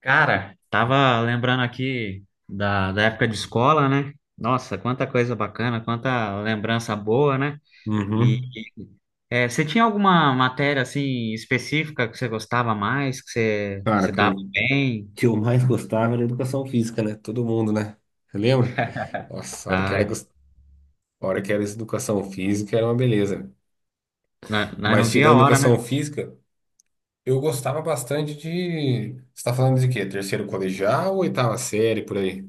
Cara, tava lembrando aqui da época de escola, né? Nossa, quanta coisa bacana, quanta lembrança boa, né? E Uhum. e, Você tinha alguma matéria assim específica que você gostava mais, que você Cara, se dava bem? que eu mais gostava era educação física, né? Todo mundo, né? Você lembra? Nossa, Ah, a hora que era essa educação física era uma beleza, né? nós não Mas via a tirando hora, educação né? física, eu gostava bastante de. Você tá falando de quê? Terceiro colegial ou oitava série, por aí?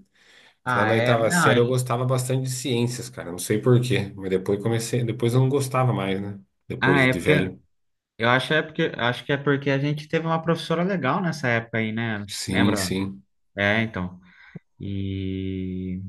Que lá Ah, na é. oitava série eu gostava bastante de ciências, cara. Não sei por quê. Mas depois comecei. Depois eu não gostava mais, né? Depois É de porque velho. eu acho é porque acho que é porque a gente teve uma professora legal nessa época aí, né? Sim, Lembra? sim. É, então. E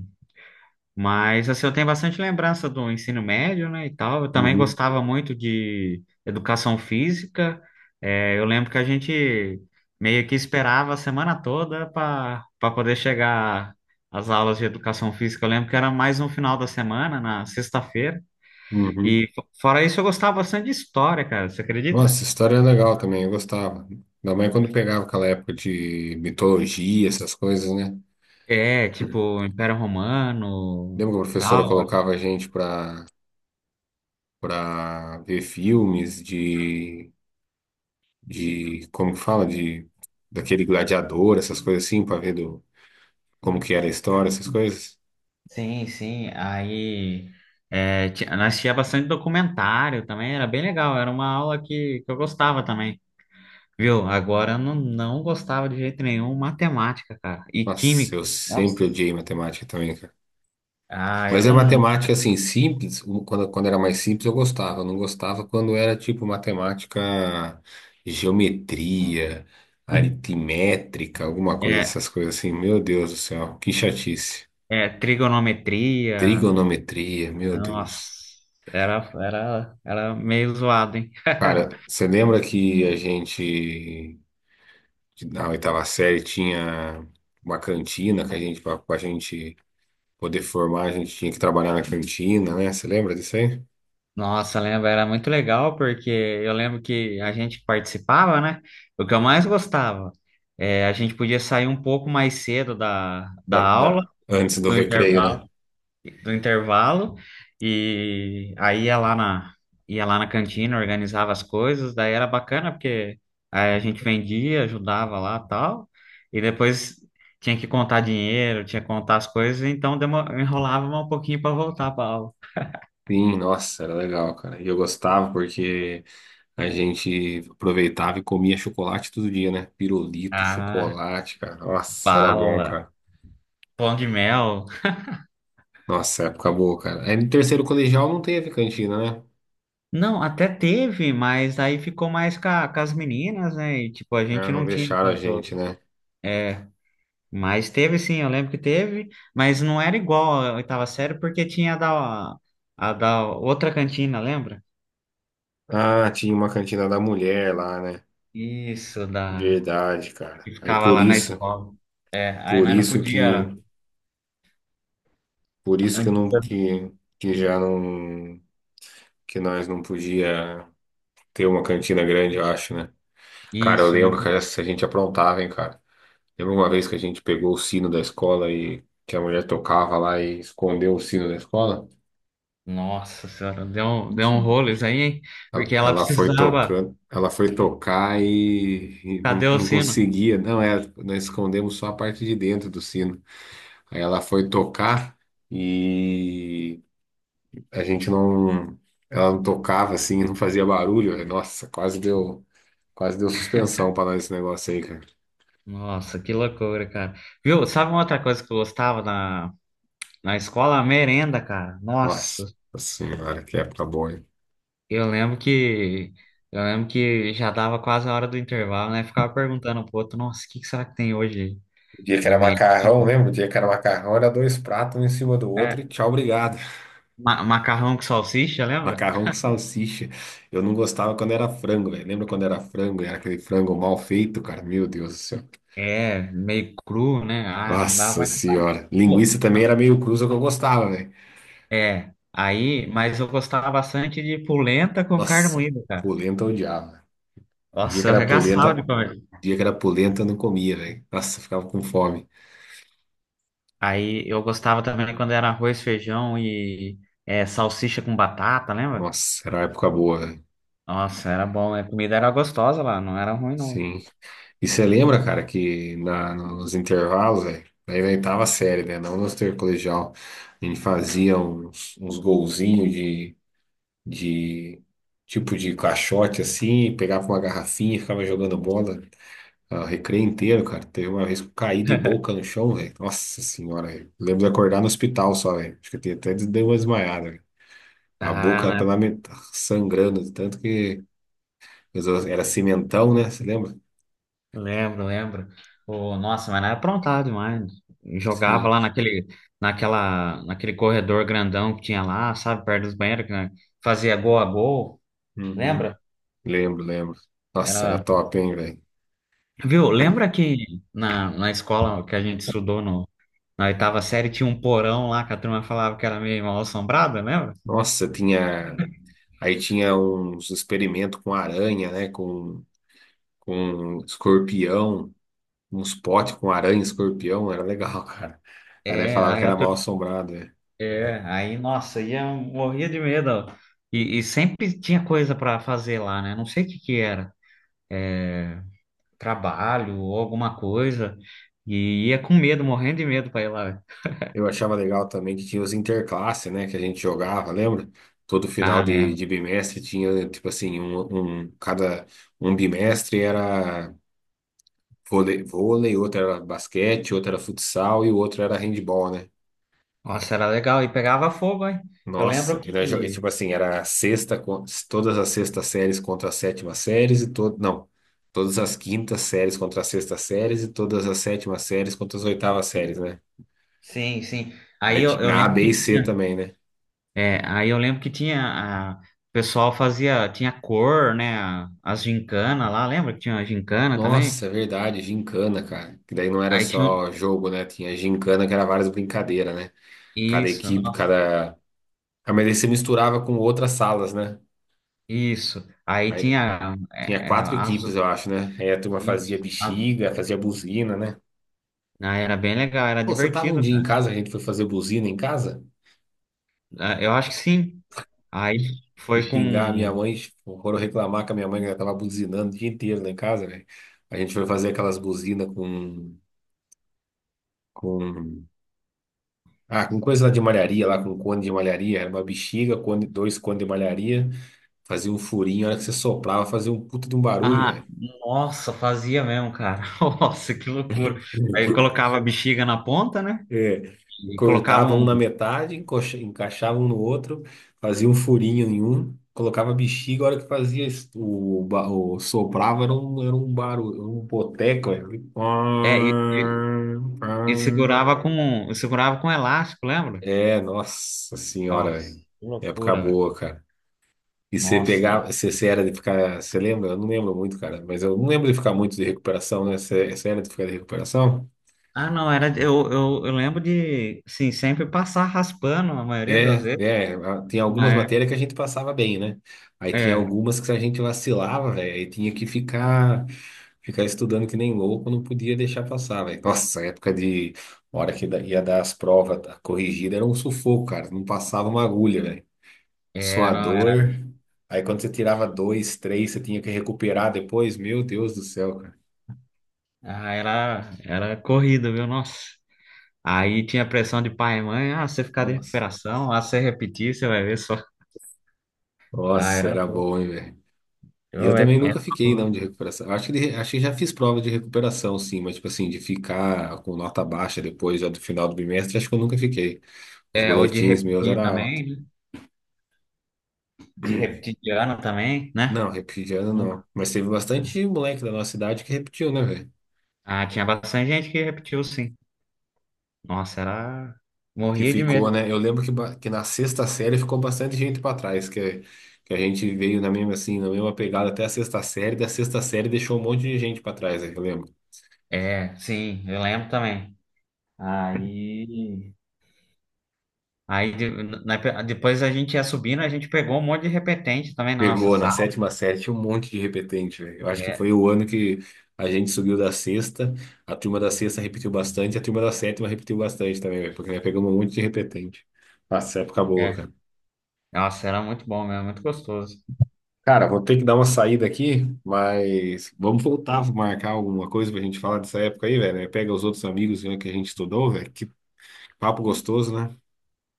Mas assim, eu tenho bastante lembrança do ensino médio, né, e tal. Eu também Uhum. gostava muito de educação física. É, eu lembro que a gente meio que esperava a semana toda para poder chegar às aulas de educação física. Eu lembro que era mais no final da semana, na sexta-feira. Uhum. E fora isso, eu gostava bastante de história, cara. Você acredita? Nossa, história é legal também, eu gostava. Ainda mais quando pegava aquela época de mitologia, essas coisas, né? É, tipo, Império Romano, Lembra que a professora tal. colocava a gente pra, pra ver filmes como que fala, de, daquele gladiador, essas coisas assim, pra ver do, como que era a história, essas coisas? Sim, sim. Aí nós assistia bastante documentário também, era bem legal, era uma aula que eu gostava também, viu? Agora eu não gostava de jeito nenhum matemática, cara, e Nossa, química. eu Nossa, sempre odiei matemática também. Eu Mas é não. matemática assim simples, quando era mais simples eu gostava, eu não gostava quando era tipo matemática, geometria, aritmétrica, alguma coisa, É, essas coisas assim. Meu Deus do céu, que chatice. Trigonometria, Trigonometria, meu nossa, Deus. era meio zoado, hein? Cara, você lembra que a gente na oitava série tinha uma cantina que a gente para a gente poder formar, a gente tinha que trabalhar na cantina, né? Você lembra disso aí? Nossa, lembra era muito legal porque eu lembro que a gente participava, né? O que eu mais gostava é a gente podia sair um pouco mais cedo da aula, Antes do do recreio, né? intervalo, do intervalo, e aí ia lá na cantina, organizava as coisas, daí era bacana porque aí a gente vendia, ajudava lá, tal, e depois tinha que contar dinheiro, tinha que contar as coisas, então enrolava um pouquinho para voltar para aula. Sim, nossa, era legal, cara. E eu gostava porque a gente aproveitava e comia chocolate todo dia, né? Pirulito, Ah, chocolate, cara. Nossa, era bom, bala. cara. Pão de mel. Nossa, época boa, cara. Aí no terceiro colegial não teve cantina, né? Não, até teve, mas aí ficou mais com as meninas, né? E, tipo, a Ah, gente não não tinha deixaram a gente, tanto. né? É, mas teve sim, eu lembro que teve, mas não era igual a oitava série, porque tinha a da outra cantina, lembra? Ah, tinha uma cantina da mulher lá, né? Isso, da. Verdade, cara. Que Aí ficava por lá na isso, escola. É, aí por nós não isso que, podia. por isso não que eu não, podia- que já não, que nós não podia ter uma cantina grande, eu acho, né? Cara, eu Isso, né? lembro que essa a gente aprontava, hein, cara. Lembro uma vez que a gente pegou o sino da escola e que a mulher tocava lá e escondeu o sino da escola. Nossa senhora, deu um rolo isso aí, hein? Ela Porque ela ela foi precisava. tocando, ela foi tocar e Cadê o não sino? conseguia. Não, é, nós escondemos só a parte de dentro do sino. Aí ela foi tocar e a gente não, ela não tocava assim, não fazia barulho. Nossa, quase deu suspensão para nós esse negócio aí, cara. Nossa, que loucura, cara. Viu? Sabe uma outra coisa que eu gostava na escola? A merenda, cara. Nossa, Nossa senhora, que época boa, hein? eu lembro que eu lembro que já dava quase a hora do intervalo, né? Ficava perguntando pro outro, nossa, o que que será que tem hoje O dia que de era merenda? macarrão, lembra? O dia que era macarrão era dois pratos um em cima do outro e É, tchau, obrigado. Macarrão com salsicha, lembra? Macarrão com salsicha. Eu não gostava quando era frango, velho. Lembra quando era frango? Era aquele frango mal feito, cara. Meu Deus do céu. É, meio cru, né? Ah, não Nossa dava. senhora. Linguiça Pô, também era meio cruza que eu gostava, velho. é, aí, mas eu gostava bastante de polenta com carne Nossa, moída, cara. polenta eu odiava. O dia Nossa, que eu era arregaçava de polenta, comer. dia que era polenta eu não comia, velho. Nossa, eu ficava com fome. Aí eu gostava também quando era arroz, feijão e salsicha com batata, lembra? Nossa, era uma época boa, velho. Nossa, era bom, né? A comida era gostosa lá, não era ruim, não. Sim. E você lembra, cara, que na- nos intervalos, velho, aí na oitava série, né? Não no intercolegial, a gente fazia uns golzinhos de tipo de caixote assim, pegava uma garrafinha, e ficava jogando bola. O recreio inteiro, cara. Teve uma vez que eu caí de boca no chão, velho. Nossa senhora, velho. Lembro de acordar no hospital só, velho. Acho que eu até dei uma desmaiada, velho. A boca Ah, né? pela met... sangrando, tanto que era cimentão, né? Você lembra? Lembro, lembro. Ô, nossa, mas era aprontado demais. Jogava Sim. lá naquele corredor grandão que tinha lá, sabe, perto dos banheiros, que né, fazia gol a gol. Uhum. Lembra? Lembro, lembro. Nossa, era Era... top, hein, velho? Viu? Lembra que na escola que a gente estudou no, na oitava série tinha um porão lá que a turma falava que era meio mal assombrada, lembra? Nossa, tinha. Aí tinha uns experimentos com aranha, né? Com escorpião, uns potes com aranha e escorpião, era legal, cara. Aí né, É, falava que aí, a era pe- mal assombrado, né? Nossa, ia morria de medo. E sempre tinha coisa para fazer lá, né? Não sei o que que era, é, trabalho ou alguma coisa. E ia com medo, morrendo de medo para ir lá. Eu achava legal também que tinha os interclasse, né? Que a gente jogava, lembra? Todo final Ah, lembro. de bimestre tinha, tipo assim, cada um bimestre era vôlei, outro era basquete, outro era futsal e o outro era handball, né? Nossa, era legal. E pegava fogo, hein? Eu Nossa, lembro e tipo que. assim, era todas as sextas séries contra as sétimas séries e todo, não, todas as quintas séries contra as sextas séries e todas as sétimas séries contra as oitavas séries, né? Sim, sim. Aí Aí eu tinha A, lembro B que e C tinha. também, né? Aí eu lembro que tinha. A... O pessoal fazia. Tinha cor, né? As gincanas lá. Lembra que tinha a gincana também? Nossa, é verdade, gincana, cara. Que daí não era Aí tinha. só jogo, né? Tinha gincana que era várias brincadeiras, né? Cada Isso, equipe, nossa. cada... Ah, mas aí você misturava com outras salas, né? Isso. Aí Aí tinha. tinha quatro equipes, eu acho, né? Aí a turma fazia Isso, bexiga, fazia buzina, né? Era bem legal, era Pô, você tava um divertido, dia em cara. casa, a gente foi fazer buzina em casa, Ah, eu acho que sim. Aí e foi com. xingar a minha mãe, tipo, foram reclamar que a minha mãe já tava buzinando o dia inteiro lá em casa, velho. A gente foi fazer aquelas buzinas com com coisa lá de malharia, lá com cone de malharia, era uma bexiga, cone, dois cones de malharia, fazia um furinho, a hora que você soprava, fazia um puta de um barulho. Ah, nossa, fazia mesmo, cara. Nossa, que loucura. Aí colocava a bexiga na ponta, né? É, E colocava cortavam um um. na metade, encaixavam um no outro, fazia um furinho em um, colocava bexiga, a hora que fazia es- o, ba- o soprava era era um barulho, um boteco. Era... um É, e, e- pam, e segurava pam. com. e Segurava com elástico, lembra? É, nossa senhora, Nossa, velho. que Época loucura, velho. boa, cara. E você Nossa. pegava, você era de ficar, você lembra? Eu não lembro muito, cara, mas eu não lembro de ficar muito de recuperação, né? Você era de ficar de recuperação? Ah, não, era. Eu lembro de, assim, sempre passar raspando a maioria das vezes, Tem algumas mas. matérias que a gente passava bem, né? Aí É, tinha é. algumas que a gente vacilava, velho, aí tinha que ficar estudando que nem louco, não podia deixar passar, velho. Nossa, a época de hora que ia dar as provas, a corrigida era um sufoco, cara, não passava uma agulha, velho. É, não, era, Suador. Aí quando você tirava dois, três, você tinha que recuperar depois, meu Deus do céu, cara. ah, era, era corrida, viu? Nossa. Aí tinha pressão de pai e mãe, você ficar de Nossa, recuperação, você repetir, você vai ver só. Ah, nossa, era era bom. bom, hein, velho. E eu Eu, é, também nunca fiquei, não, de recuperação. Acho que já fiz prova de recuperação, sim, mas, tipo assim, de ficar com nota baixa depois, já do final do bimestre, acho que eu nunca fiquei. Os é, é, Ou de boletins meus repetir era alto. também, né? De repetir de ano também, né? Não, repetir de ano Nunca. não. Mas teve bastante moleque da nossa idade que repetiu, né, velho? Ah, tinha bastante gente que repetiu, sim. Nossa, era. Que Morria de ficou, medo. né? Eu lembro que na sexta série ficou bastante gente pra trás, que a gente veio na mesma, assim, na mesma pegada até a sexta série, da sexta série deixou um monte de gente pra trás, né, que eu lembro. É, sim, eu lembro também. Aí. Aí na- depois a gente ia subindo, a gente pegou um monte de repetente também na nossa Pegou na sala. sétima série um monte de repetente, velho. Eu acho que foi É, o ano que a gente subiu da sexta, a turma da sexta repetiu bastante, a turma da sétima repetiu bastante também, velho, porque nós pegamos um monte de repetente. Nossa, época boa, é. cara. Nossa, era muito bom mesmo, muito gostoso. Cara, vou ter que dar uma saída aqui, mas vamos voltar, vou marcar alguma coisa pra gente falar dessa época aí, velho, né? Pega os outros amigos né, que a gente estudou, velho. Que papo gostoso, né?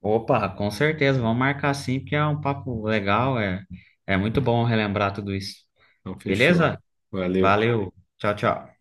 Opa, com certeza, vamos marcar sim, porque é um papo legal, é muito bom relembrar tudo isso. Então, fechou. Beleza? Valeu. Valeu, tchau, tchau.